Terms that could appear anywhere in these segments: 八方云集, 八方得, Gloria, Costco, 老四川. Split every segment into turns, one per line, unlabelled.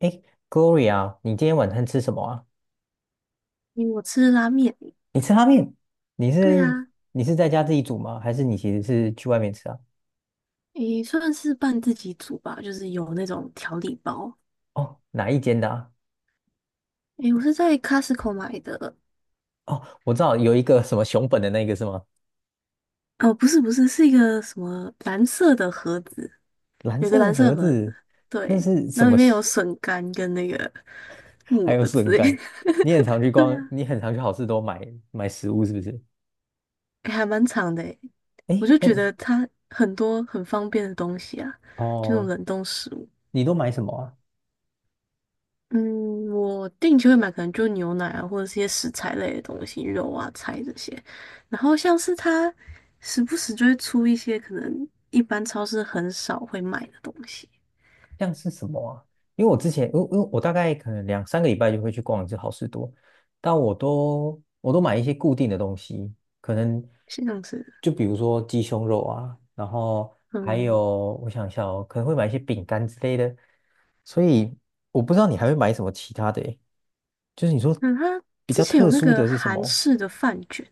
诶 g l o r i a 你今天晚餐吃什么啊？
因为我吃拉面。
你吃拉面？你
对
是
啊。
你是在家自己煮吗？还是你其实是去外面吃啊？
算是半自己煮吧，就是有那种调理包。
哦，哪一间的啊？
诶，我是在 Costco 买的。
哦，我知道有一个什么熊本的那个是吗？
哦，不是不是，是一个什么蓝色的盒子，
蓝
有
色
个
的
蓝色
盒
盒
子，
子。
那
对，
是
然
什
后
么
里面
西
有笋干跟那个 木
还有
耳之
笋
类
干。
的。
你很常去
对
逛，
啊。
你很常去好事多买食物是不是？
诶还蛮长的诶，我
诶，
就觉
那
得它很多很方便的东西啊，就那种
哦，
冷冻食物。
你都买什么啊？
嗯，我定期会买，可能就牛奶啊，或者是一些食材类的东西，肉啊、菜这些。然后像是它时不时就会出一些可能一般超市很少会卖的东西。
像是什么啊？因为我之前，因为因为我大概可能两三个礼拜就会去逛一次好事多，但我都买一些固定的东西，可能
是这像是。
就比如说鸡胸肉啊，然后还
嗯。
有我想一下哦，可能会买一些饼干之类的，所以我不知道你还会买什么其他的诶就是你说
那它
比
之
较
前
特
有那
殊
个
的是什
韩
么？
式的饭卷。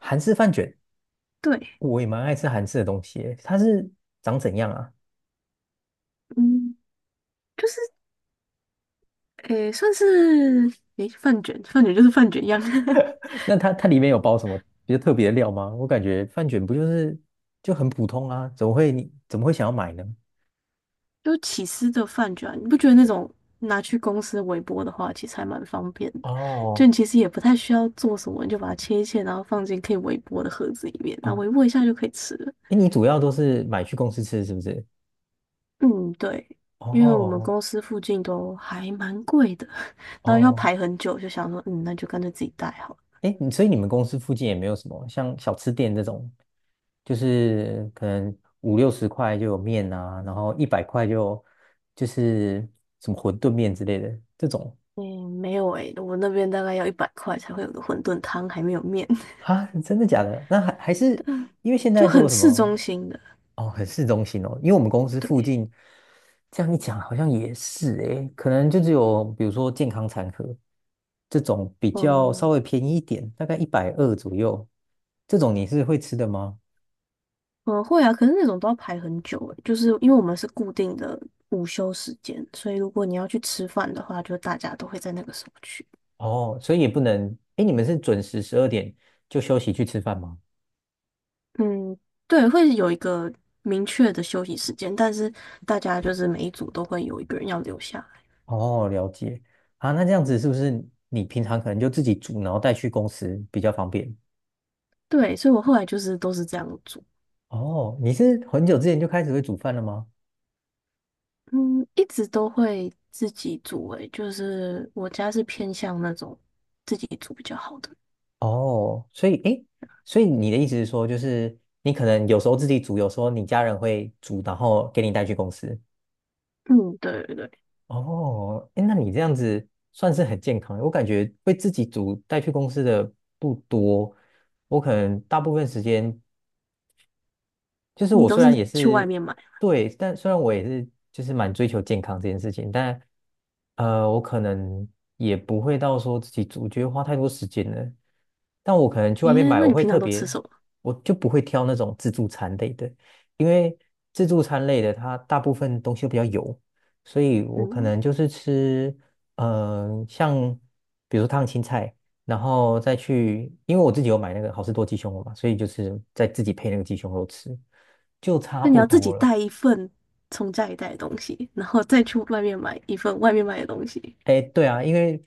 韩式饭卷，
对。
我也蛮爱吃韩式的东西诶它是长怎样啊？
嗯，就是诶，算是诶饭卷，饭卷就是饭卷一样。
那它里面有包什么比较特别的料吗？我感觉饭卷不就是就很普通啊，怎么会你怎么会想要买呢？
就起司的饭卷啊，你不觉得那种拿去公司微波的话，其实还蛮方便的？就你
哦
其实也不太需要做什么，你就把它切一切，然后放进可以微波的盒子里面，然后
哦，
微波一下就可以吃了。
哎，你主要都是买去公司吃是不是？
嗯，对。因为我们
哦
公司附近都还蛮贵的，然后要
哦，
排很久，就想说，嗯，那就干脆自己带好了。
哎，你所以你们公司附近也没有什么像小吃店这种，就是可能五六十块就有面啊，然后100块就就是什么馄饨面之类的这种
嗯，没有诶、我那边大概要一百块才会有个馄饨汤，还没有面。
啊，真的假的？那还还 是
对啊，
因为现
就
在都
很
有什
市
么？
中心的。
哦，很市中心哦，因为我们公司附
对。
近，这样一讲好像也是诶，可能就只有比如说健康餐盒这种比较稍
嗯。
微便宜一点，大概120左右，这种你是会吃的吗？
嗯，会啊，可是那种都要排很久诶，就是因为我们是固定的午休时间，所以如果你要去吃饭的话，就大家都会在那个时候去。
哦，所以也不能，诶，你们是准时12点就休息去吃饭吗？
嗯，对，会有一个明确的休息时间，但是大家就是每一组都会有一个人要留下来。
哦，了解啊，那这样子是不是你平常可能就自己煮，然后带去公司比较方便？
对，所以我后来就是都是这样煮。
哦，你是很久之前就开始会煮饭了吗？
嗯，一直都会自己煮诶，就是我家是偏向那种自己煮比较好的。
哦，所以诶，所以你的意思是说，就是你可能有时候自己煮，有时候你家人会煮，然后给你带去公司。
嗯，对对对。
哦，诶，那你这样子算是很健康的我感觉会自己煮带去公司的不多，我可能大部分时间就是
你
我
都
虽然
是
也
去外
是
面买啊，
对，但虽然我也是就是蛮追求健康这件事情，但我可能也不会到说自己煮，我觉得花太多时间了。但我可能去外面
诶，
买，
那
我
你
会
平
特
常都吃
别，
什么？
我就不会挑那种自助餐类的，因为自助餐类的它大部分东西都比较油，所以我可
嗯。
能就是吃，像比如说烫青菜。然后再去，因为我自己有买那个好事多鸡胸肉嘛，所以就是再自己配那个鸡胸肉吃，就差
那你
不
要自己
多了。
带一份从家里带的东西，然后再去外面买一份外面买的东西，
哎，对啊，因为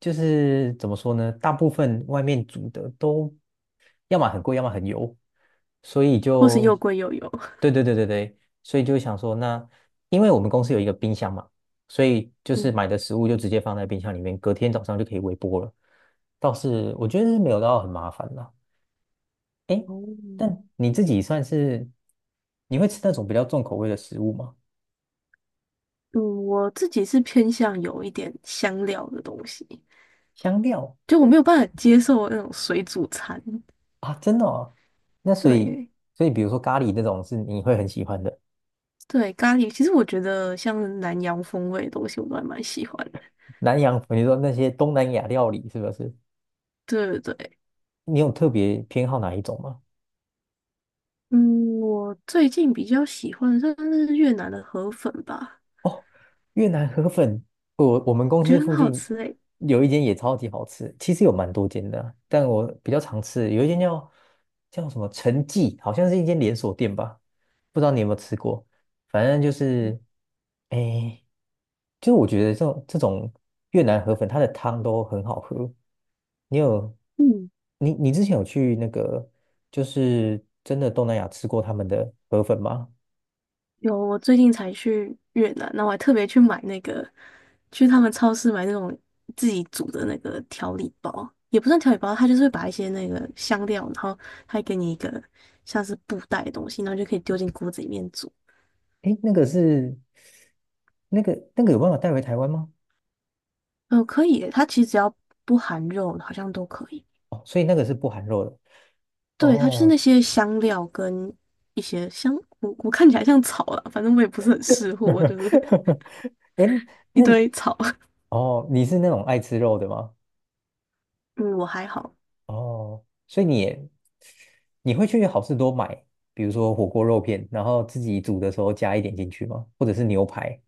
就是怎么说呢，大部分外面煮的都要么很贵，要么很油，所以
或是
就，
又贵又油。
对对对对对，所以就想说，那因为我们公司有一个冰箱嘛，所以就是
嗯。
买的食物就直接放在冰箱里面，隔天早上就可以微波了，倒是我觉得是没有到很麻烦啦。诶，
哦。
但你自己算是，你会吃那种比较重口味的食物吗？
嗯，我自己是偏向有一点香料的东西，
香料
就我没有办法接受那种水煮餐。
啊，真的哦。那所以，
对。
所以比如说咖喱那种是你会很喜欢的，
对，咖喱，其实我觉得像南洋风味的东西，我都还蛮喜欢的。
南洋，你说那些东南亚料理是不是？
对对对。
你有特别偏好哪一种吗？
嗯，我最近比较喜欢算是越南的河粉吧，
哦。越南河粉，我我们公
我觉
司
得很
附
好
近
吃诶。
有一间也超级好吃，其实有蛮多间的啊但我比较常吃，有一间叫叫什么陈记，好像是一间连锁店吧，不知道你有没有吃过。反正就是，
嗯。
哎，就是我觉得这种越南河粉，它的汤都很好喝。你有
嗯。
你之前有去那个就是真的东南亚吃过他们的河粉吗？
有，我最近才去越南，那我还特别去买那个，去他们超市买那种自己煮的那个调理包，也不算调理包，它就是会把一些那个香料，然后还给你一个像是布袋的东西，然后就可以丢进锅子里面煮。
哎，那个是。那个有办法带回台湾吗？
嗯，可以耶，它其实只要不含肉，好像都可以。
哦，所以那个是不含肉的。
对，它就是
哦，
那些香料跟一些香，我我看起来像草啦，反正我也不是很识货，就是
哎
一
那
堆草。
哦，你是那种爱吃肉的吗？
嗯，我还好。
哦，所以你也你会去好事多买，比如说火锅肉片，然后自己煮的时候加一点进去吗？或者是牛排？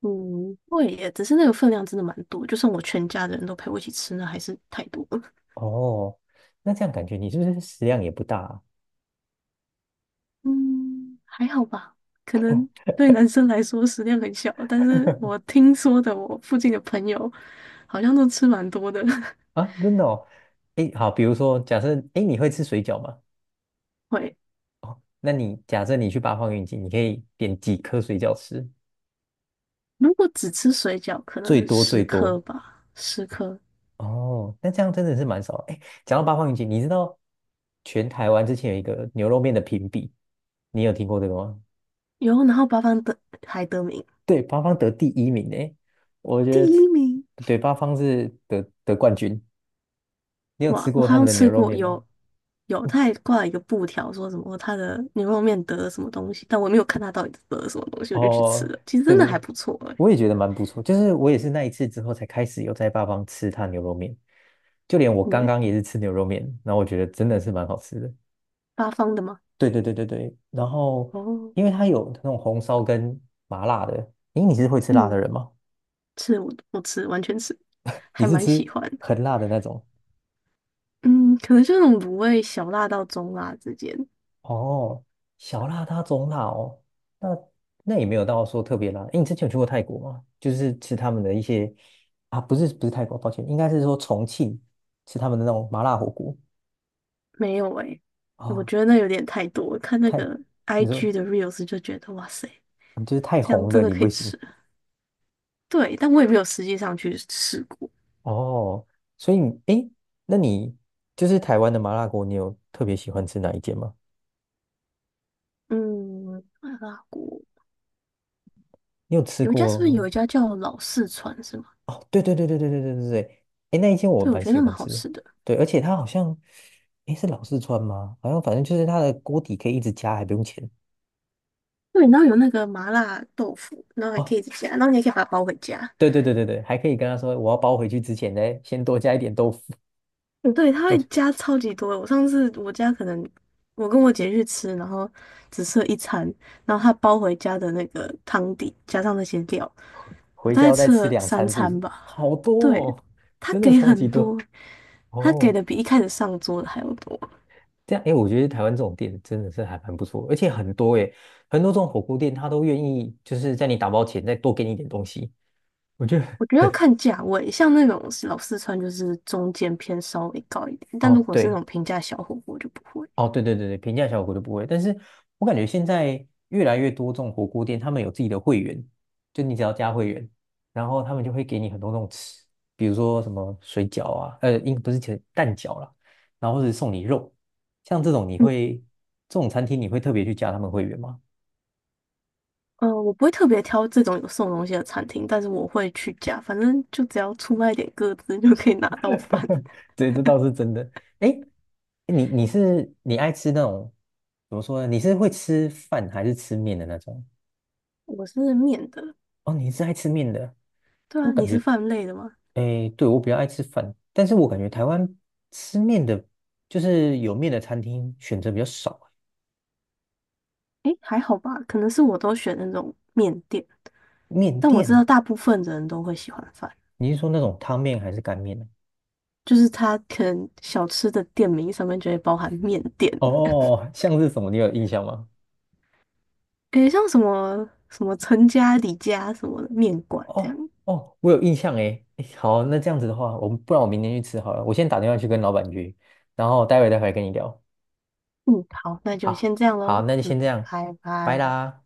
嗯，会耶，只是那个分量真的蛮多，就算我全家的人都陪我一起吃，那还是太多了。
哦，那这样感觉你是不是食量也不大啊？
嗯，还好吧，可能对男生来说食量很小，但是我 听说的，我附近的朋友好像都吃蛮多的。
啊，真的哦。哎，好，比如说假设，哎，你会吃水饺吗？
会，
哦，那你假设你去八方云集，你可以点几颗水饺吃？
如果只吃水饺，可
最
能
多最
十颗
多
吧，十颗。
哦，那这样真的是蛮少的。哎，讲到八方云集，你知道全台湾之前有一个牛肉面的评比，你有听过这个吗？
有，然后八方得还得名
对，八方得第一名哎，我
第
觉
一
得
名。
对，八方是得冠军。你有吃
哇，我
过
好
他们
像
的牛
吃
肉
过，
面
有
吗？
有，他还挂了一个布条，说什么他的牛肉面得了什么东西，但我没有看他到底得了什么东西，我就去吃
哦，
了。其实
对
真的还
对，
不错哎、
我也觉得蛮不错。就是我也是那一次之后才开始有在八方吃他牛肉面，就连我刚
嗯，
刚也是吃牛肉面，然后我觉得真的是蛮好吃的。
八方的吗？
对对对对对，然后
哦。
因为它有那种红烧跟麻辣的，诶，你是会吃辣的
嗯，
人吗？
吃我我吃完全吃，
你
还
是
蛮喜
吃
欢的。
很辣的那种？
嗯，可能就那种卤味小辣到中辣之间。
哦，小辣它中辣哦，那那也没有到说特别辣。诶，你之前有去过泰国吗？就是吃他们的一些啊，不是不是泰国，抱歉，应该是说重庆吃他们的那种麻辣火锅
没有哎、我
哦，
觉得那有点太多。我看那
太，
个
你
IG
说
的 reels 就觉得哇塞，
嗯就是太
这样
红
真
的
的
你
可
不
以
行
吃。对，但我也没有实际上去试过。
哦，所以你诶，那你就是台湾的麻辣锅，你有特别喜欢吃哪一间吗？
嗯，麻辣锅。
你有吃
有一家，是不是
过？
有一家叫老四川是吗？
哦，对对对对对对对对对，哎，那一间我
对，我
蛮
觉得
喜
那蛮
欢
好
吃的，
吃的。
对，而且它好像，哎，是老四川吗？好像反正就是它的锅底可以一直加，还不用钱。
对，然后有那个麻辣豆腐，然后还可
哦，
以自己加，然后你也可以把它包回家。
对对对对对，还可以跟他说我要包回去之前呢，先多加一点豆腐，
对，它
我
会
就
加超级多。我上次我家可能我跟我姐去吃，然后只吃了一餐，然后她包回家的那个汤底加上那些料，我
回
大
家
概
要再
吃
吃
了
两
三
餐，是不
餐
是？
吧。
好多
对，
哦，
她
真的
给
超
很
级多
多，她给
哦。
的比一开始上桌的还要多。
这样，哎，我觉得台湾这种店真的是还蛮不错，而且很多哎，很多这种火锅店他都愿意就是在你打包前再多给你一点东西，我觉得
我觉得要
很。
看价位，像那种老四川就是中间偏稍微高一点，但如
哦，
果是那
对，
种平价小火锅就不会。
哦，对对对对，平价小火锅就不会。但是我感觉现在越来越多这种火锅店，他们有自己的会员，就你只要加会员，然后他们就会给你很多那种吃，比如说什么水饺啊，应不是其实蛋饺啦，然后或者送你肉，像这种你
嗯。
会这种餐厅你会特别去加他们会员吗？
我不会特别挑这种有送东西的餐厅，但是我会去加，反正就只要出卖一点个资就可以拿到饭。
对，这倒是真的。哎，你你是你爱吃那种怎么说呢？你是会吃饭还是吃面的那种？
我是面的。
哦，你是爱吃面的，
对
我
啊，你
感
是
觉
饭类的吗？
诶，对，我比较爱吃饭，但是我感觉台湾吃面的，就是有面的餐厅选择比较少。
诶，还好吧，可能是我都选那种面店，
面
但我知
店，
道大部分的人都会喜欢饭，
你是说那种汤面还是干面呢？
就是它可能小吃的店名上面就会包含面店。
哦哦哦，像是什么？你有印象吗？
诶，像什么什么陈家、李家什么的面馆这
哦
样。
哦，我有印象诶。诶好，那这样子的话，我们不然我明天去吃好了。我先打电话去跟老板约，然后待会跟你聊。
嗯，好，那就
好，
先这样
好，
喽。
那就
嗯，
先这样，
拜
拜
拜。
啦。